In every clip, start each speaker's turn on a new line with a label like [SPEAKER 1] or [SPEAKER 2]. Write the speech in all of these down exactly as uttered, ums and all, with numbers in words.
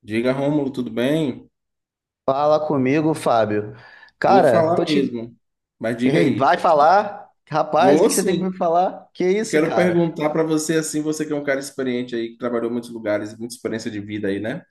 [SPEAKER 1] Diga, Rômulo, tudo bem?
[SPEAKER 2] Fala comigo, Fábio.
[SPEAKER 1] Vou
[SPEAKER 2] Cara, tô
[SPEAKER 1] falar
[SPEAKER 2] te.
[SPEAKER 1] mesmo, mas diga
[SPEAKER 2] Ei,
[SPEAKER 1] aí.
[SPEAKER 2] vai falar? Rapaz, o
[SPEAKER 1] Vou
[SPEAKER 2] que que você tem pra me
[SPEAKER 1] sim.
[SPEAKER 2] falar? Que
[SPEAKER 1] Eu
[SPEAKER 2] isso,
[SPEAKER 1] quero
[SPEAKER 2] cara?
[SPEAKER 1] perguntar para você, assim, você que é um cara experiente aí, que trabalhou em muitos lugares, muita experiência de vida aí, né?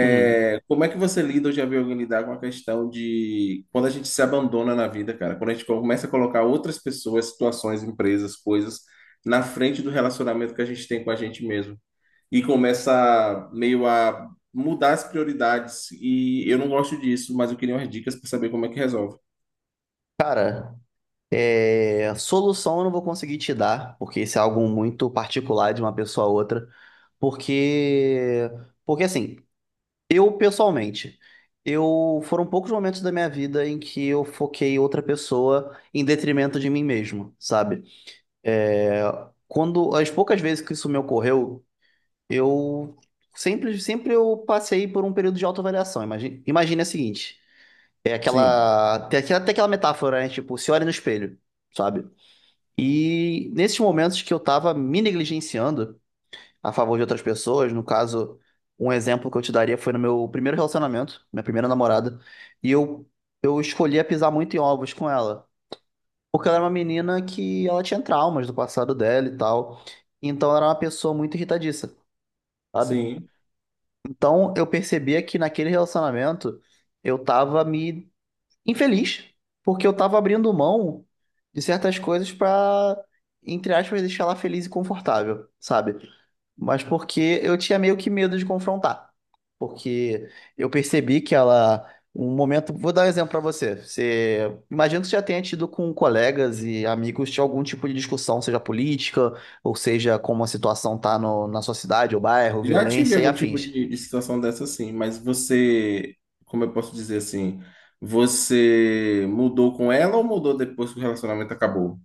[SPEAKER 2] Hum.
[SPEAKER 1] Como é que você lida, ou já viu alguém lidar com a questão de quando a gente se abandona na vida, cara? Quando a gente começa a colocar outras pessoas, situações, empresas, coisas na frente do relacionamento que a gente tem com a gente mesmo e começa meio a mudar as prioridades. E eu não gosto disso, mas eu queria umas dicas para saber como é que resolve.
[SPEAKER 2] Cara, é... solução eu não vou conseguir te dar, porque isso é algo muito particular de uma pessoa a outra. Porque. Porque assim, eu pessoalmente, eu foram poucos momentos da minha vida em que eu foquei outra pessoa em detrimento de mim mesmo, sabe? É, Quando as poucas vezes que isso me ocorreu, eu sempre, sempre eu passei por um período de autoavaliação. Imagina, imagina o seguinte, é
[SPEAKER 1] Sim,
[SPEAKER 2] aquela, tem aquela, tem aquela metáfora, né? Tipo, se olha no espelho, sabe? E nesses momentos que eu tava me negligenciando a favor de outras pessoas, no caso, um exemplo que eu te daria foi no meu primeiro relacionamento, minha primeira namorada, e eu, eu escolhia pisar muito em ovos com ela, porque ela era uma menina que ela tinha traumas do passado dela e tal, então ela era uma pessoa muito irritadiça, sabe?
[SPEAKER 1] sim.
[SPEAKER 2] Então eu percebia que naquele relacionamento eu tava me infeliz, porque eu tava abrindo mão de certas coisas pra, entre aspas, deixar ela feliz e confortável, sabe? Mas porque eu tinha meio que medo de confrontar. Porque eu percebi que ela, um momento, vou dar um exemplo pra você. Você imagina que você já tenha tido com colegas e amigos de algum tipo de discussão, seja política, ou seja, como a situação tá no- na sua cidade ou bairro,
[SPEAKER 1] Já tive
[SPEAKER 2] violência e
[SPEAKER 1] algum tipo
[SPEAKER 2] afins.
[SPEAKER 1] de, de situação dessa, sim, mas você, como eu posso dizer assim, você mudou com ela ou mudou depois que o relacionamento acabou?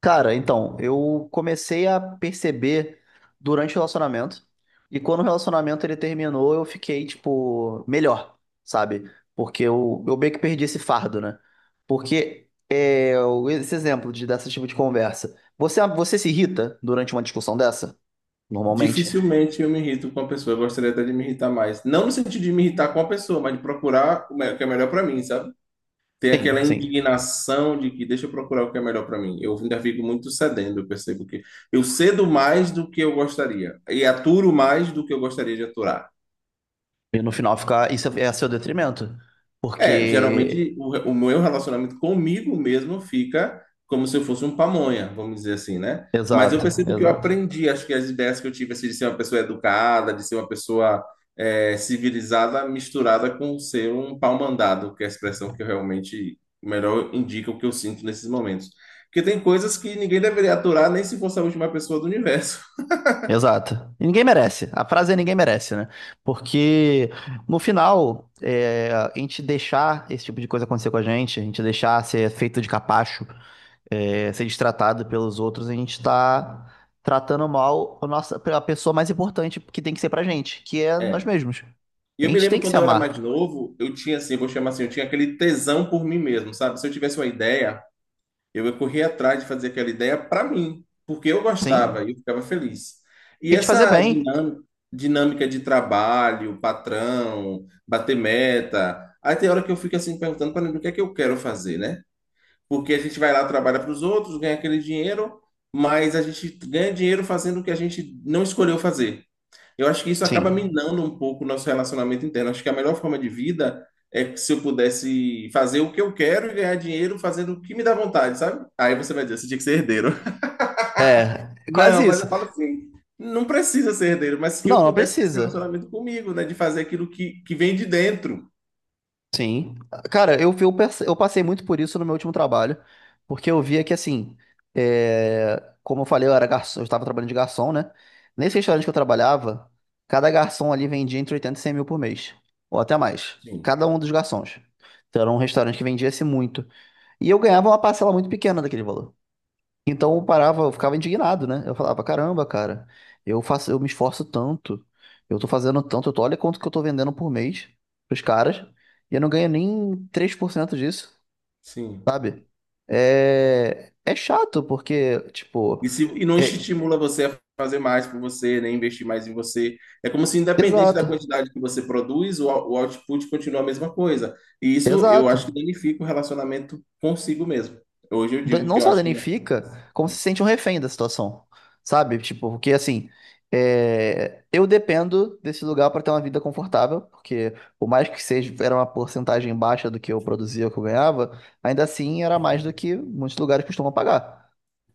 [SPEAKER 2] Cara, então, eu comecei a perceber durante o relacionamento, e quando o relacionamento ele terminou, eu fiquei, tipo, melhor, sabe? Porque eu, eu meio que perdi esse fardo, né? Porque é, o- esse exemplo de, desse tipo de conversa. Você, você se irrita durante uma discussão dessa, normalmente?
[SPEAKER 1] Dificilmente eu me irrito com a pessoa, eu gostaria até de me irritar mais. Não no sentido de me irritar com a pessoa, mas de procurar o me- o que é melhor para mim, sabe? Ter aquela
[SPEAKER 2] Sim, sim.
[SPEAKER 1] indignação de que deixa eu procurar o que é melhor para mim. Eu ainda fico muito cedendo, eu percebo que eu cedo mais do que eu gostaria e aturo mais do que eu gostaria de aturar.
[SPEAKER 2] E no final ficar, isso é, é a seu detrimento.
[SPEAKER 1] É,
[SPEAKER 2] Porque.
[SPEAKER 1] geralmente o, re- o meu relacionamento comigo mesmo fica como se eu fosse um pamonha, vamos dizer assim, né? Mas eu
[SPEAKER 2] Exato,
[SPEAKER 1] percebo que eu
[SPEAKER 2] exato.
[SPEAKER 1] aprendi, acho que as ideias que eu tive, assim, de ser uma pessoa educada, de ser uma pessoa é, civilizada, misturada com ser um pau-mandado, que é a expressão que eu realmente melhor indica o que eu sinto nesses momentos. Porque tem coisas que ninguém deveria aturar, nem se fosse a última pessoa do universo.
[SPEAKER 2] Exato. E ninguém merece. A frase é ninguém merece, né? Porque no final, é, a gente deixar esse tipo de coisa acontecer com a gente, a gente deixar ser feito de capacho, é, ser destratado pelos outros, a gente tá tratando mal a nossa, a pessoa mais importante que tem que ser pra gente, que é nós
[SPEAKER 1] É.
[SPEAKER 2] mesmos.
[SPEAKER 1] E
[SPEAKER 2] A
[SPEAKER 1] eu me
[SPEAKER 2] gente tem
[SPEAKER 1] lembro
[SPEAKER 2] que se
[SPEAKER 1] quando eu era mais
[SPEAKER 2] amar,
[SPEAKER 1] novo, eu tinha assim, eu vou chamar assim, eu tinha aquele tesão por mim mesmo, sabe? Se eu tivesse uma ideia. Eu corri atrás de fazer aquela ideia para mim, porque eu
[SPEAKER 2] sim?
[SPEAKER 1] gostava e eu ficava feliz. E
[SPEAKER 2] E te fazer
[SPEAKER 1] essa
[SPEAKER 2] bem,
[SPEAKER 1] dinâmica, dinâmica de trabalho, patrão, bater meta, aí tem hora que eu fico assim perguntando para mim o que é que eu quero fazer, né? Porque a gente vai lá, trabalha para os outros, ganha aquele dinheiro, mas a gente ganha dinheiro fazendo o que a gente não escolheu fazer. Eu acho que isso acaba
[SPEAKER 2] sim.
[SPEAKER 1] minando um pouco o nosso relacionamento interno. Acho que a melhor forma de vida é que, se eu pudesse fazer o que eu quero e ganhar dinheiro fazendo o que me dá vontade, sabe? Aí você vai dizer, você tinha que ser herdeiro.
[SPEAKER 2] É, quase
[SPEAKER 1] Não, mas
[SPEAKER 2] isso.
[SPEAKER 1] eu falo assim, não precisa ser herdeiro, mas que
[SPEAKER 2] Não,
[SPEAKER 1] eu
[SPEAKER 2] não
[SPEAKER 1] pudesse ter esse
[SPEAKER 2] precisa.
[SPEAKER 1] relacionamento comigo, né? De fazer aquilo que, que vem de dentro.
[SPEAKER 2] Sim. Cara, eu, eu, perce- eu passei muito por isso no meu último trabalho, porque eu via que, assim, é, como eu falei, eu era garçom, eu estava trabalhando de garçom, né? Nesse restaurante que eu trabalhava, cada garçom ali vendia entre oitenta e cem mil por mês, ou até mais,
[SPEAKER 1] Sim,
[SPEAKER 2] cada um dos garçons. Então era um restaurante que vendia-se muito. E eu ganhava uma parcela muito pequena daquele valor. Então eu parava, eu ficava indignado, né? Eu falava, caramba, cara, eu faço, eu me esforço tanto, eu tô fazendo tanto, eu tô, olha quanto que eu tô vendendo por mês pros caras, e eu não ganho nem três por cento disso,
[SPEAKER 1] sim.
[SPEAKER 2] sabe? É, é chato, porque, tipo,
[SPEAKER 1] E, se, e não
[SPEAKER 2] é...
[SPEAKER 1] estimula você a fazer mais por você, nem investir mais em você. É como se, independente da
[SPEAKER 2] Exato,
[SPEAKER 1] quantidade que você produz, o, o output continua a mesma coisa. E isso eu acho que
[SPEAKER 2] exato.
[SPEAKER 1] danifica o relacionamento consigo mesmo. Hoje eu
[SPEAKER 2] Da-
[SPEAKER 1] digo que
[SPEAKER 2] não
[SPEAKER 1] eu
[SPEAKER 2] só
[SPEAKER 1] acho que
[SPEAKER 2] danifica, como se sente um refém da situação, sabe? Tipo, porque assim, é, eu dependo desse lugar para ter uma vida confortável, porque por mais que seja era uma porcentagem baixa do que eu produzia, o que eu ganhava, ainda assim era mais do que muitos lugares costumam pagar.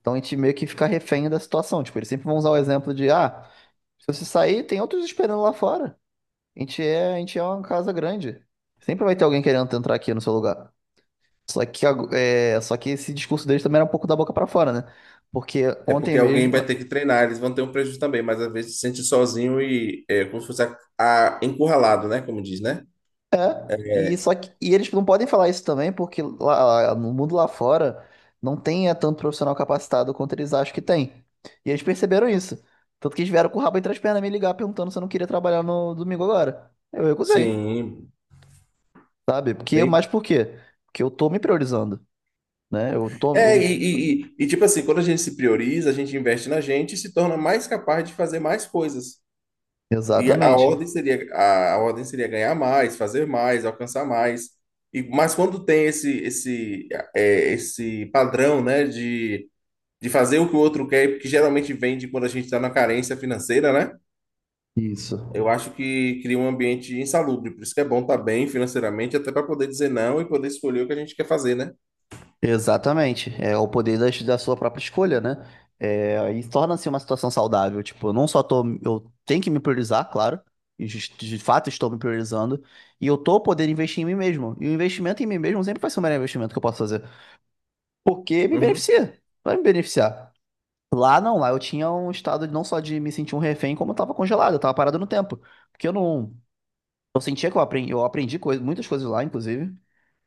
[SPEAKER 2] Então a gente meio que fica refém da situação. Tipo, eles sempre vão usar o exemplo de, ah, se você sair, tem outros esperando lá fora. A gente é, a gente é uma casa grande. Sempre vai ter alguém querendo entrar aqui no seu lugar. Só que, ag- é, só que esse discurso deles também era um pouco da boca pra fora, né? Porque
[SPEAKER 1] é
[SPEAKER 2] ontem
[SPEAKER 1] porque alguém
[SPEAKER 2] mesmo.
[SPEAKER 1] vai ter que treinar, eles vão ter um prejuízo também, mas às vezes se sente sozinho e é como se fosse a, a- encurralado, né? Como diz, né?
[SPEAKER 2] É, e,
[SPEAKER 1] É,
[SPEAKER 2] só que, e eles não podem falar isso também, porque lá, no mundo lá fora não tem é, tanto profissional capacitado quanto eles acham que tem. E eles perceberam isso. Tanto que eles vieram com o rabo entre as pernas me ligar perguntando se eu não queria trabalhar no domingo agora. Eu recusei,
[SPEAKER 1] sim,
[SPEAKER 2] sabe? Porque, mas
[SPEAKER 1] bem.
[SPEAKER 2] por quê? Porque eu tô me priorizando, né? Eu tô.
[SPEAKER 1] É,
[SPEAKER 2] eu-
[SPEAKER 1] e, e, e- e, tipo assim, quando a gente se prioriza, a gente investe na gente e se torna mais capaz de fazer mais coisas. E a
[SPEAKER 2] Exatamente.
[SPEAKER 1] ordem seria a, a ordem seria ganhar mais, fazer mais, alcançar mais. E, mas quando tem esse esse é, esse padrão, né, de, de fazer o que o outro quer, que geralmente vem de quando a gente está na carência financeira, né?
[SPEAKER 2] Isso.
[SPEAKER 1] Eu acho que cria um ambiente insalubre. Por isso que é bom estar bem financeiramente, até para poder dizer não e poder escolher o que a gente quer fazer, né?
[SPEAKER 2] Exatamente. É o poder das- da, sua própria escolha, né? É, e torna-se uma situação saudável. Tipo, eu não só tô. Eu tenho que me priorizar, claro. E jus- de fato estou me priorizando. E eu tô podendo investir em mim mesmo. E o investimento em mim mesmo sempre vai ser o melhor investimento que eu posso fazer. Porque me
[SPEAKER 1] Uhum,
[SPEAKER 2] beneficia. Vai me beneficiar. Lá não, lá eu tinha um estado de- não só de me sentir um refém, como eu tava congelado, eu tava parado no tempo. Porque eu não. Eu sentia que eu aprendi, eu aprendi coisa, muitas coisas lá, inclusive.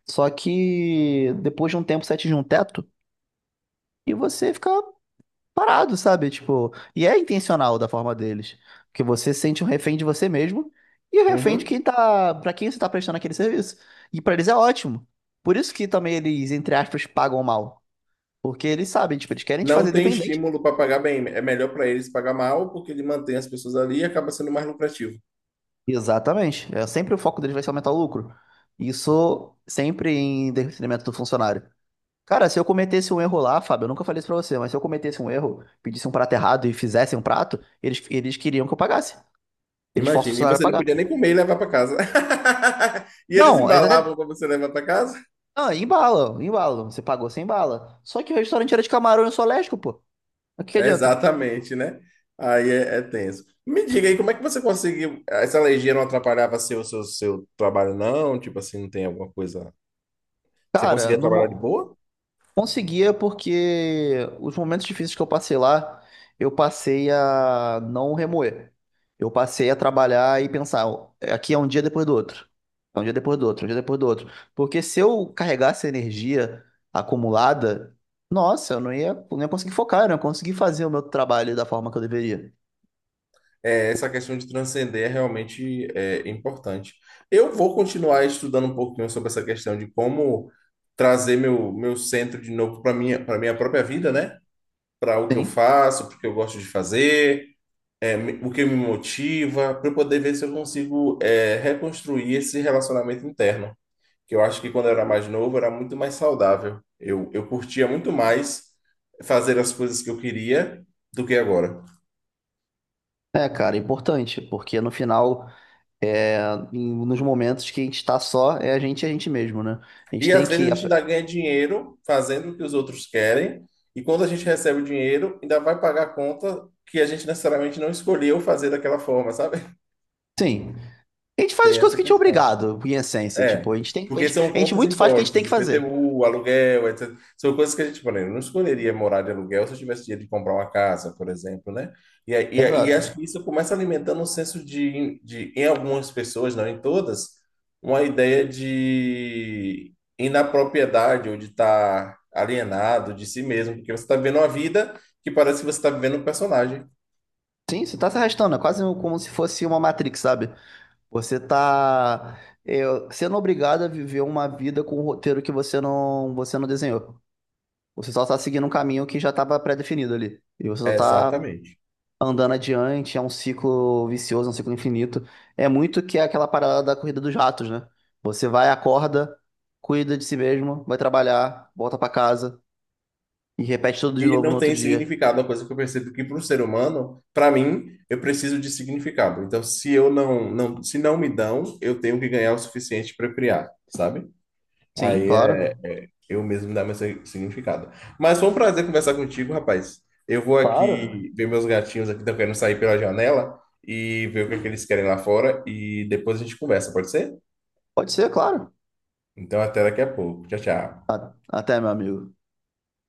[SPEAKER 2] Só que depois de um tempo você atinge um teto. E você fica parado, sabe? Tipo, e é intencional da forma deles, que você sente um refém de você mesmo e o refém de
[SPEAKER 1] uhum.
[SPEAKER 2] quem tá, pra quem você tá prestando aquele serviço. E pra eles é ótimo. Por isso que também eles, entre aspas, pagam mal, porque eles sabem, tipo, eles querem te
[SPEAKER 1] Não
[SPEAKER 2] fazer
[SPEAKER 1] tem
[SPEAKER 2] dependente.
[SPEAKER 1] estímulo para pagar bem. É melhor para eles pagar mal, porque ele mantém as pessoas ali e acaba sendo mais lucrativo.
[SPEAKER 2] Exatamente. É sempre o foco deles vai ser aumentar o lucro. Isso sempre em detrimento do funcionário. Cara, se eu cometesse um erro lá, Fábio, eu nunca falei isso pra você, mas se eu cometesse um erro, pedisse um prato errado e fizesse um prato, eles, eles queriam que eu pagasse. Eles forçam o
[SPEAKER 1] Imagina, e
[SPEAKER 2] funcionário a
[SPEAKER 1] você não
[SPEAKER 2] pagar.
[SPEAKER 1] podia nem comer e levar para casa. E eles
[SPEAKER 2] Não, eles até,
[SPEAKER 1] embalavam para você levar para casa?
[SPEAKER 2] ah, embala, embala. Você pagou sem bala. Só que o restaurante era de camarão e soléstico, pô. O que que
[SPEAKER 1] É,
[SPEAKER 2] adianta?
[SPEAKER 1] exatamente, né? Aí é, é tenso. Me diga aí, como é que você conseguiu? Essa alergia não atrapalhava seu, seu, seu trabalho, não? Tipo assim, não tem alguma coisa. Você
[SPEAKER 2] Cara,
[SPEAKER 1] conseguia
[SPEAKER 2] não
[SPEAKER 1] trabalhar de
[SPEAKER 2] mo-
[SPEAKER 1] boa?
[SPEAKER 2] conseguia porque os momentos difíceis que eu passei lá, eu passei a não remoer. Eu passei a trabalhar e pensar, "Ó, aqui é um dia depois do outro. É um dia depois do outro, é um dia depois do outro. Porque se eu carregasse a energia acumulada, nossa, eu não ia, não ia conseguir focar, eu não ia conseguir fazer o meu trabalho da forma que eu deveria.
[SPEAKER 1] É, essa questão de transcender é realmente é, importante. Eu vou continuar estudando um pouquinho sobre essa questão de como trazer meu, meu centro de novo para minha, para minha própria vida, né? Para o que eu
[SPEAKER 2] Sim.
[SPEAKER 1] faço, porque eu gosto de fazer. É, me- o que me motiva, para eu poder ver se eu consigo é, reconstruir esse relacionamento interno, que eu acho que quando eu era mais novo era muito mais saudável. Eu, eu curtia muito mais fazer as coisas que eu queria do que agora.
[SPEAKER 2] É, cara, é importante, porque no final. É, em- Nos momentos que a gente está só, é a gente e a gente mesmo, né? A gente
[SPEAKER 1] E
[SPEAKER 2] tem
[SPEAKER 1] às vezes
[SPEAKER 2] que.
[SPEAKER 1] a gente ainda
[SPEAKER 2] ap-
[SPEAKER 1] ganha dinheiro fazendo o que os outros querem, e quando a gente recebe o dinheiro, ainda vai pagar a conta que a gente necessariamente não escolheu fazer daquela forma, sabe?
[SPEAKER 2] Sim. A gente faz as
[SPEAKER 1] Tem
[SPEAKER 2] coisas
[SPEAKER 1] essa
[SPEAKER 2] que a gente é
[SPEAKER 1] questão.
[SPEAKER 2] obrigado, em essência. Tipo,
[SPEAKER 1] É,
[SPEAKER 2] a gente tem, a
[SPEAKER 1] porque
[SPEAKER 2] gente,
[SPEAKER 1] são
[SPEAKER 2] a gente
[SPEAKER 1] contas
[SPEAKER 2] muito faz o que a gente tem
[SPEAKER 1] impostas,
[SPEAKER 2] que fazer.
[SPEAKER 1] I P T U, aluguel, etcétera. São coisas que a gente, por exemplo, não escolheria morar de aluguel se eu tivesse dinheiro de comprar uma casa, por exemplo, né? E, aí- e, aí- e acho
[SPEAKER 2] Exato.
[SPEAKER 1] que isso começa alimentando um senso de, de, em algumas pessoas, não em todas, uma ideia de inapropriedade ou de estar alienado de si mesmo, porque você está vivendo uma vida que parece que você está vivendo um personagem.
[SPEAKER 2] Sim, você tá se arrastando, é quase um, como se fosse uma Matrix, sabe? Você tá é, sendo obrigado a viver uma vida com um roteiro que você não, você não desenhou. Você só tá seguindo um caminho que já tava pré-definido ali. E você só
[SPEAKER 1] É,
[SPEAKER 2] tá
[SPEAKER 1] exatamente.
[SPEAKER 2] andando adiante, é um ciclo vicioso, é um ciclo infinito. É muito que é aquela parada da corrida dos ratos, né? Você vai, acorda, cuida de si mesmo, vai trabalhar, volta pra casa e repete tudo de
[SPEAKER 1] E
[SPEAKER 2] novo no
[SPEAKER 1] não
[SPEAKER 2] outro
[SPEAKER 1] tem
[SPEAKER 2] dia.
[SPEAKER 1] significado. Uma coisa que eu percebo que para o ser humano, para mim, eu preciso de significado. Então, se eu não, não, se não me dão, eu tenho que ganhar o suficiente para criar, sabe?
[SPEAKER 2] Sim,
[SPEAKER 1] Aí é
[SPEAKER 2] claro.
[SPEAKER 1] eu mesmo dar meu si- significado. Mas foi um prazer conversar contigo, rapaz. Eu vou
[SPEAKER 2] Claro.
[SPEAKER 1] aqui ver meus gatinhos aqui, estão querendo sair pela janela e ver o que, é que eles querem lá fora e depois a gente conversa, pode ser?
[SPEAKER 2] Pode ser, claro.
[SPEAKER 1] Então, até daqui a pouco. Tchau, tchau.
[SPEAKER 2] A- até, meu amigo.